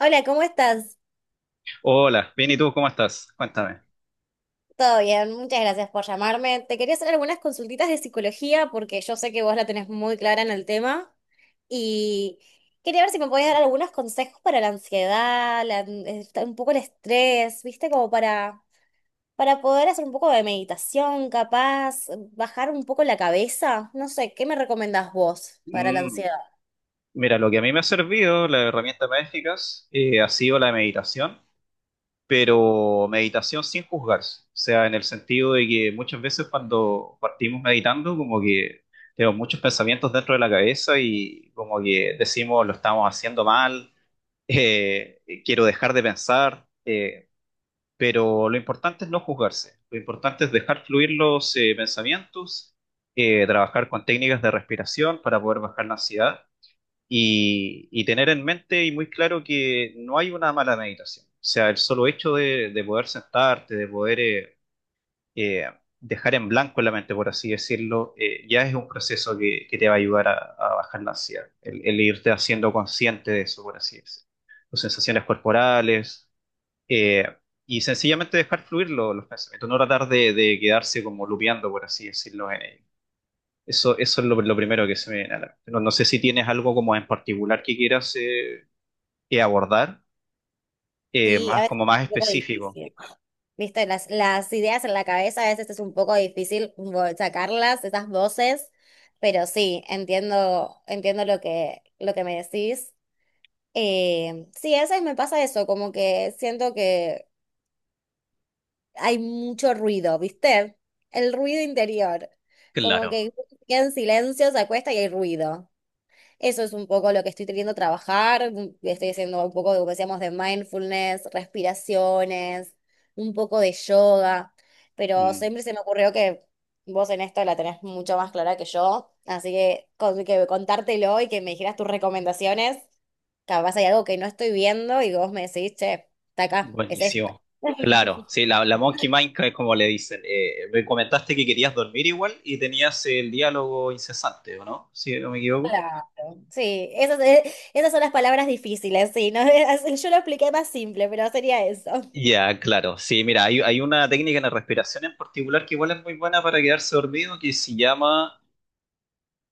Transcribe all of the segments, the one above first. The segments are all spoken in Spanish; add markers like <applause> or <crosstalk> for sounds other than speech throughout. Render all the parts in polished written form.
Hola, ¿cómo estás? Hola, bien, ¿y tú cómo estás? Cuéntame. Todo bien, muchas gracias por llamarme. Te quería hacer algunas consultitas de psicología porque yo sé que vos la tenés muy clara en el tema y quería ver si me podías dar algunos consejos para la ansiedad, un poco el estrés, ¿viste? Como para poder hacer un poco de meditación, capaz, bajar un poco la cabeza. No sé, ¿qué me recomendás vos para la Mm, ansiedad? mira, lo que a mí me ha servido, la herramienta más eficaz, ha sido la meditación, pero meditación sin juzgarse. O sea, en el sentido de que muchas veces cuando partimos meditando, como que tenemos muchos pensamientos dentro de la cabeza y como que decimos, lo estamos haciendo mal, <laughs> quiero dejar de pensar. Pero lo importante es no juzgarse, lo importante es dejar fluir los pensamientos, trabajar con técnicas de respiración para poder bajar la ansiedad y tener en mente y muy claro que no hay una mala meditación. O sea, el solo hecho de poder sentarte, de poder eh, dejar en blanco la mente, por así decirlo, ya es un proceso que te va a ayudar a bajar la ansiedad, el irte haciendo consciente de eso, por así decirlo. Tus sensaciones corporales, eh, y sencillamente dejar fluir los pensamientos, no tratar de quedarse como lupeando, por así decirlo. En ello. Eso es lo primero que se me viene a la mente. No sé si tienes algo como en particular que quieras abordar, Sí, a más, veces como es más un poco específico. difícil. Viste, las ideas en la cabeza a veces es un poco difícil sacarlas, esas voces, pero sí, entiendo lo lo que me decís. Sí, a veces me pasa eso, como que siento que hay mucho ruido, ¿viste? El ruido interior, como Claro. que queda en silencio, se acuesta y hay ruido. Eso es un poco lo que estoy queriendo trabajar. Estoy haciendo un poco de, como decíamos, de mindfulness, respiraciones, un poco de yoga. Pero Mm, siempre se me ocurrió que vos en esto la tenés mucho más clara que yo. Así que, que contártelo y que me dijeras tus recomendaciones. Capaz hay algo que no estoy viendo y vos me decís, che, está acá, es esta. buenísimo. <laughs> Claro, sí, la Monkey Mind, que es como le dicen. Me comentaste que querías dormir igual y tenías el diálogo incesante, ¿o no? Si no me equivoco. Claro. Sí, esas son las palabras difíciles, sí, ¿no? <laughs> Yo lo expliqué más simple, pero sería eso. Ya, claro. Sí, mira, hay una técnica en la respiración en particular que igual es muy buena para quedarse dormido que se llama,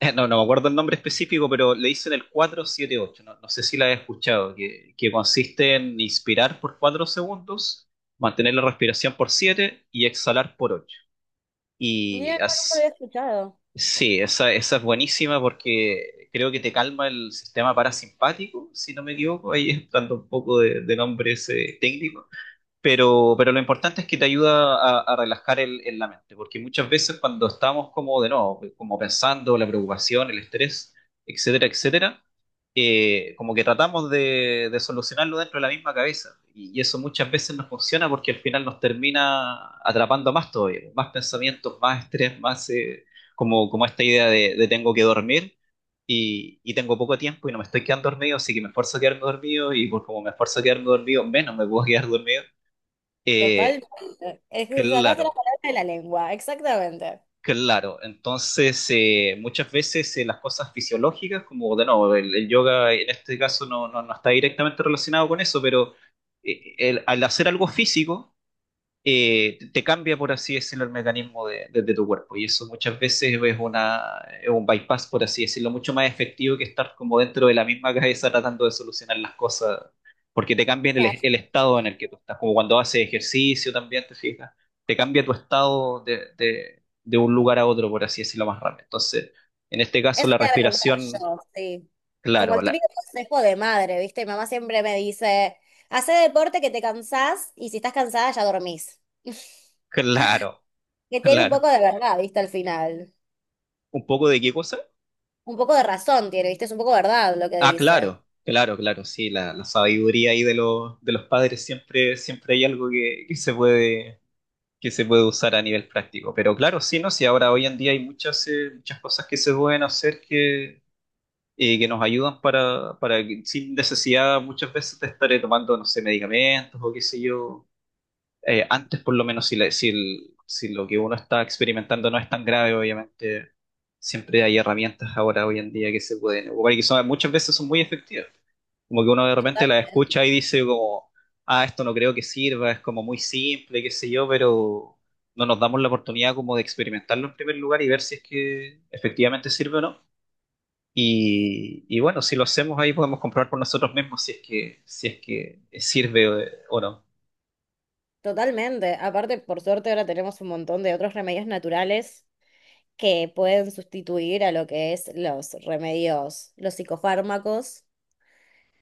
<laughs> no me acuerdo el nombre específico, pero le dicen el 478. No, no sé si la has escuchado, que consiste en inspirar por 4 segundos, mantener la respiración por 7 y exhalar por 8. Mira, Y no, nunca lo había as- escuchado. sí, esa es buenísima porque creo que te calma el sistema parasimpático, si no me equivoco, ahí estando un poco de nombre ese técnico, pero lo importante es que te ayuda a relajar el la mente, porque muchas veces cuando estamos como de nuevo, como pensando la preocupación, el estrés, etcétera, etcétera, como que tratamos de solucionarlo dentro de la misma cabeza. Y eso muchas veces no funciona porque al final nos termina atrapando más todavía, más pensamientos, más estrés, más como, como esta idea de tengo que dormir y tengo poco tiempo y no me estoy quedando dormido, así que me esfuerzo a quedarme dormido y por como me esfuerzo a quedarme dormido, menos me puedo <laughs> quedar dormido. Eh, Totalmente. Es que sacaste la claro, palabra de la lengua, exactamente. claro. Entonces, muchas veces las cosas fisiológicas, como de nuevo, el yoga en este caso no, no, no está directamente relacionado con eso, pero al hacer algo físico, te cambia, por así decirlo, el mecanismo de tu cuerpo. Y eso muchas veces es, una, es un bypass, por así decirlo, mucho más efectivo que estar como dentro de la misma cabeza tratando de solucionar las cosas, porque te cambia Mira, el estado en el que tú estás, como cuando haces ejercicio también, te fijas, te cambia tu estado de un lugar a otro, por así decirlo, más rápido. Entonces, en este caso, eso la te voy a preguntar respiración, yo, sí. Como claro, el típico consejo de madre, ¿viste? Mi mamá siempre me dice, hace deporte que te cansás y si estás cansada ya dormís. <laughs> claro, Que tiene un claro. poco de verdad, ¿viste? Al final. ¿Un poco de qué cosa? Un poco de razón tiene, ¿viste? Es un poco verdad lo que Ah, dice. claro, claro, claro, sí, la sabiduría ahí de los padres siempre, siempre hay algo que se puede usar a nivel práctico. Pero claro, sí, ¿no? Sí, ahora hoy en día hay muchas, muchas cosas que se pueden hacer que nos ayudan para, sin necesidad muchas veces de estar tomando, no sé, medicamentos o qué sé yo. Antes, por lo menos, si, si, si lo que uno está experimentando no es tan grave, obviamente, siempre hay herramientas ahora, hoy en día, que se pueden ocupar y que son, muchas veces son muy efectivas. Como que uno de repente la escucha y dice como, ah, esto no creo que sirva, es como muy simple, qué sé yo, pero no nos damos la oportunidad como de experimentarlo en primer lugar y ver si es que efectivamente sirve o no. Y bueno, si lo hacemos ahí podemos comprobar por nosotros mismos si es que, si es que sirve o no. Totalmente. Aparte, por suerte ahora tenemos un montón de otros remedios naturales que pueden sustituir a lo que es los remedios, los psicofármacos.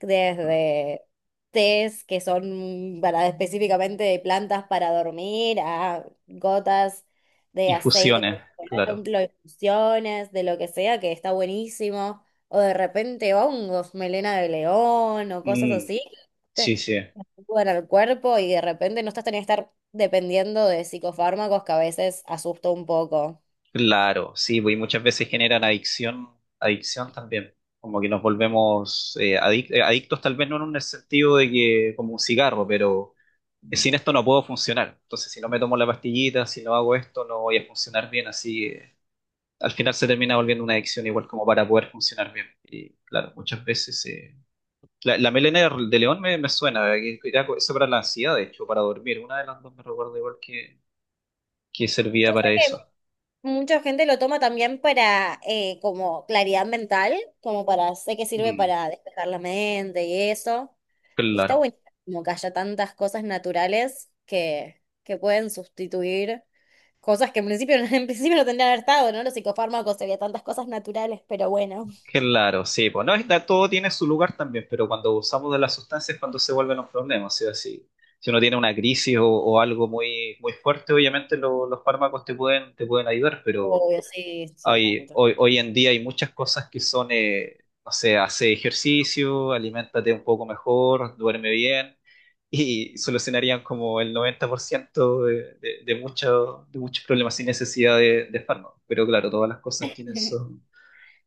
Desde tés que son para específicamente de plantas para dormir, a gotas de aceite, Infusiones, por claro. ejemplo, infusiones, de lo que sea, que está buenísimo, o de repente hongos, melena de león o cosas Mm, así, que sí, te sí. ayudan al cuerpo y de repente no estás teniendo que estar dependiendo de psicofármacos que a veces asusta un poco. Claro, sí, pues, y muchas veces generan adicción, adicción también, como que nos volvemos adictos tal vez no en un sentido de que como un cigarro, pero sin esto no puedo funcionar. Entonces, si no me tomo la pastillita, si no hago esto, no voy a funcionar bien, así al final se termina volviendo una adicción igual como para poder funcionar bien. Y claro, muchas veces la melena de león me suena, que era eso para la ansiedad, de hecho, para dormir, una de las dos me recuerdo igual que Yo servía para eso. sé mucha gente lo toma también para como claridad mental, sé que sirve Mm, para despejar la mente y eso. Y está claro. bueno como que haya tantas cosas naturales que pueden sustituir cosas que en principio, <laughs> en principio no tendrían que haber estado, ¿no? Los psicofármacos serían tantas cosas naturales, pero bueno. Claro, sí, pues no, todo tiene su lugar también, pero cuando usamos de las sustancias es cuando se vuelven los problemas, ¿sí? Si, si uno tiene una crisis o algo muy, muy fuerte, obviamente los fármacos te pueden ayudar, pero Obvio, sí, hay, Samantha. hoy, hoy en día hay muchas cosas que son, no sé, hace ejercicio, aliméntate un poco mejor, duerme bien, y solucionarían como el 90% de de muchos problemas sin necesidad de fármacos. Pero claro, todas las cosas tienen <laughs> su,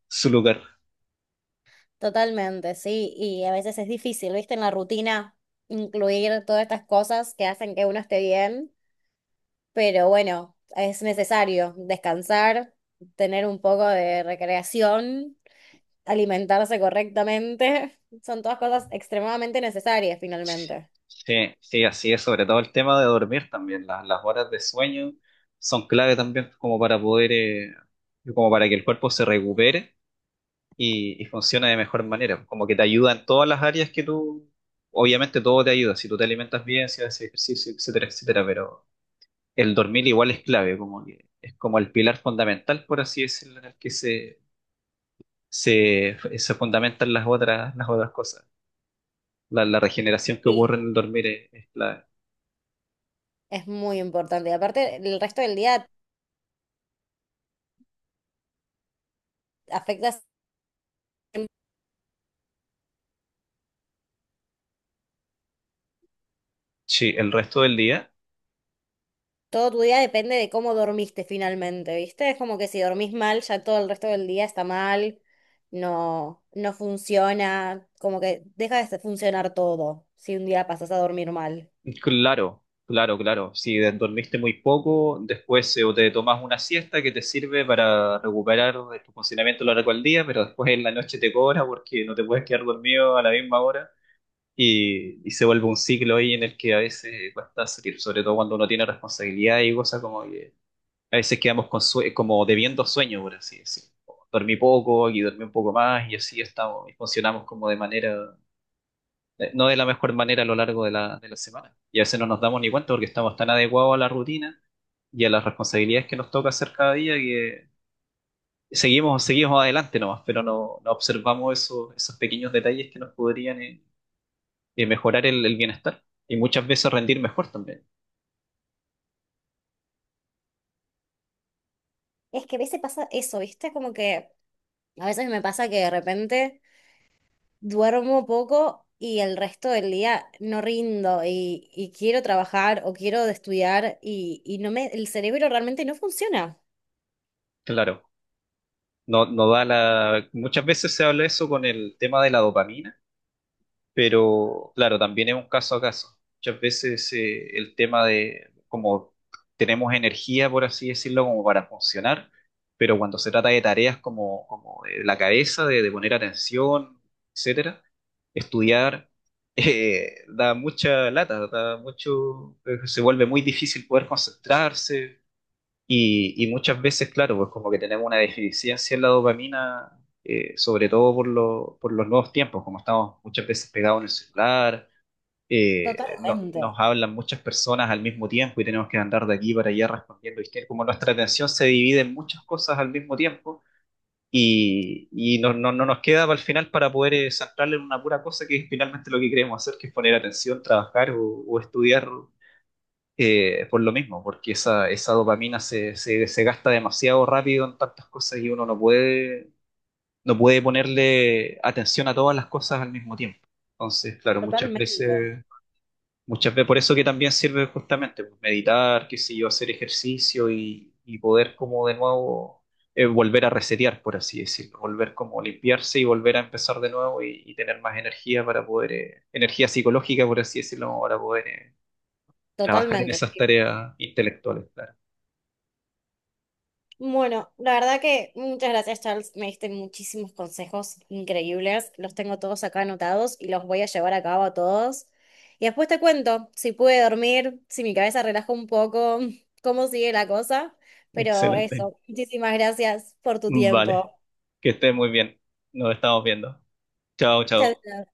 su lugar. Totalmente, sí. Y a veces es difícil, ¿viste? En la rutina incluir todas estas cosas que hacen que uno esté bien. Pero bueno, es necesario descansar, tener un poco de recreación, alimentarse correctamente. <laughs> Son todas cosas extremadamente necesarias finalmente. Sí, sí, así es, sobre todo el tema de dormir también. Las horas de sueño son clave también como para poder, como para que el cuerpo se recupere y funcione de mejor manera. Como que te ayuda en todas las áreas que tú, obviamente todo te ayuda, si tú te alimentas bien, si haces ejercicio, etcétera, etcétera, pero el dormir igual es clave, como que es como el pilar fundamental, por así decirlo, en el que se fundamentan las otras cosas. La regeneración que Sí. ocurre en el dormir es clave. Es muy importante. Y aparte, el resto del día afecta, Sí, el resto del día. todo tu día depende de cómo dormiste finalmente, ¿viste? Es como que si dormís mal, ya todo el resto del día está mal, no funciona, como que deja de funcionar todo si un día pasas a dormir mal. Claro, claro, claro. Si dormiste muy poco, después o te tomas una siesta que te sirve para recuperar de tu funcionamiento a lo largo del día, pero después en la noche te cobra porque no te puedes quedar dormido a la misma hora y se vuelve un ciclo ahí en el que a veces cuesta salir, sobre todo cuando uno tiene responsabilidad y cosas como que a veces quedamos con como debiendo sueño, por así decirlo. Dormí poco y dormí un poco más y así estamos y funcionamos como de manera no de la mejor manera a lo largo de la semana. Y a veces no nos damos ni cuenta porque estamos tan adecuados a la rutina y a las responsabilidades que nos toca hacer cada día que seguimos, seguimos adelante nomás, pero no, no observamos esos, esos pequeños detalles que nos podrían mejorar el bienestar y muchas veces rendir mejor también. Es que a veces pasa eso, ¿viste? Como que a veces me pasa que de repente duermo poco y el resto del día no rindo y quiero trabajar o quiero estudiar y no me, el cerebro realmente no funciona. Claro, no, no da la... Muchas veces se habla eso con el tema de la dopamina. Pero claro, también es un caso a caso. Muchas veces el tema de como tenemos energía, por así decirlo, como para funcionar, pero cuando se trata de tareas como, como de la cabeza, de poner atención, etcétera, estudiar <laughs> da mucha lata, da mucho, se vuelve muy difícil poder concentrarse, y muchas veces, claro, pues como que tenemos una deficiencia en la dopamina, sobre todo por, por los nuevos tiempos, como estamos muchas veces pegados en el celular, Totalmente, nos hablan muchas personas al mismo tiempo y tenemos que andar de aquí para allá respondiendo, ¿viste? Como nuestra atención se divide en muchas cosas al mismo tiempo y no, no nos queda para el final para poder centrarle en una pura cosa que es finalmente lo que queremos hacer, que es poner atención, trabajar o estudiar por lo mismo, porque esa dopamina se, se, se gasta demasiado rápido en tantas cosas y uno no puede, no puede ponerle atención a todas las cosas al mismo tiempo. Entonces, claro, totalmente, muchas veces, por eso que también sirve justamente pues, meditar, qué sé yo, hacer ejercicio y poder como de nuevo volver a resetear, por así decirlo, volver como limpiarse y volver a empezar de nuevo y tener más energía para poder, energía psicológica, por así decirlo, para poder trabajar en Totalmente. esas tareas intelectuales, claro. Bueno, la verdad que muchas gracias, Charles. Me diste muchísimos consejos increíbles. Los tengo todos acá anotados y los voy a llevar a cabo a todos. Y después te cuento si pude dormir, si mi cabeza relaja un poco, <laughs> cómo sigue la cosa. Pero Excelente. eso, muchísimas gracias por tu Vale, tiempo. que estés muy bien. Nos estamos viendo. Chao, chao. Chao.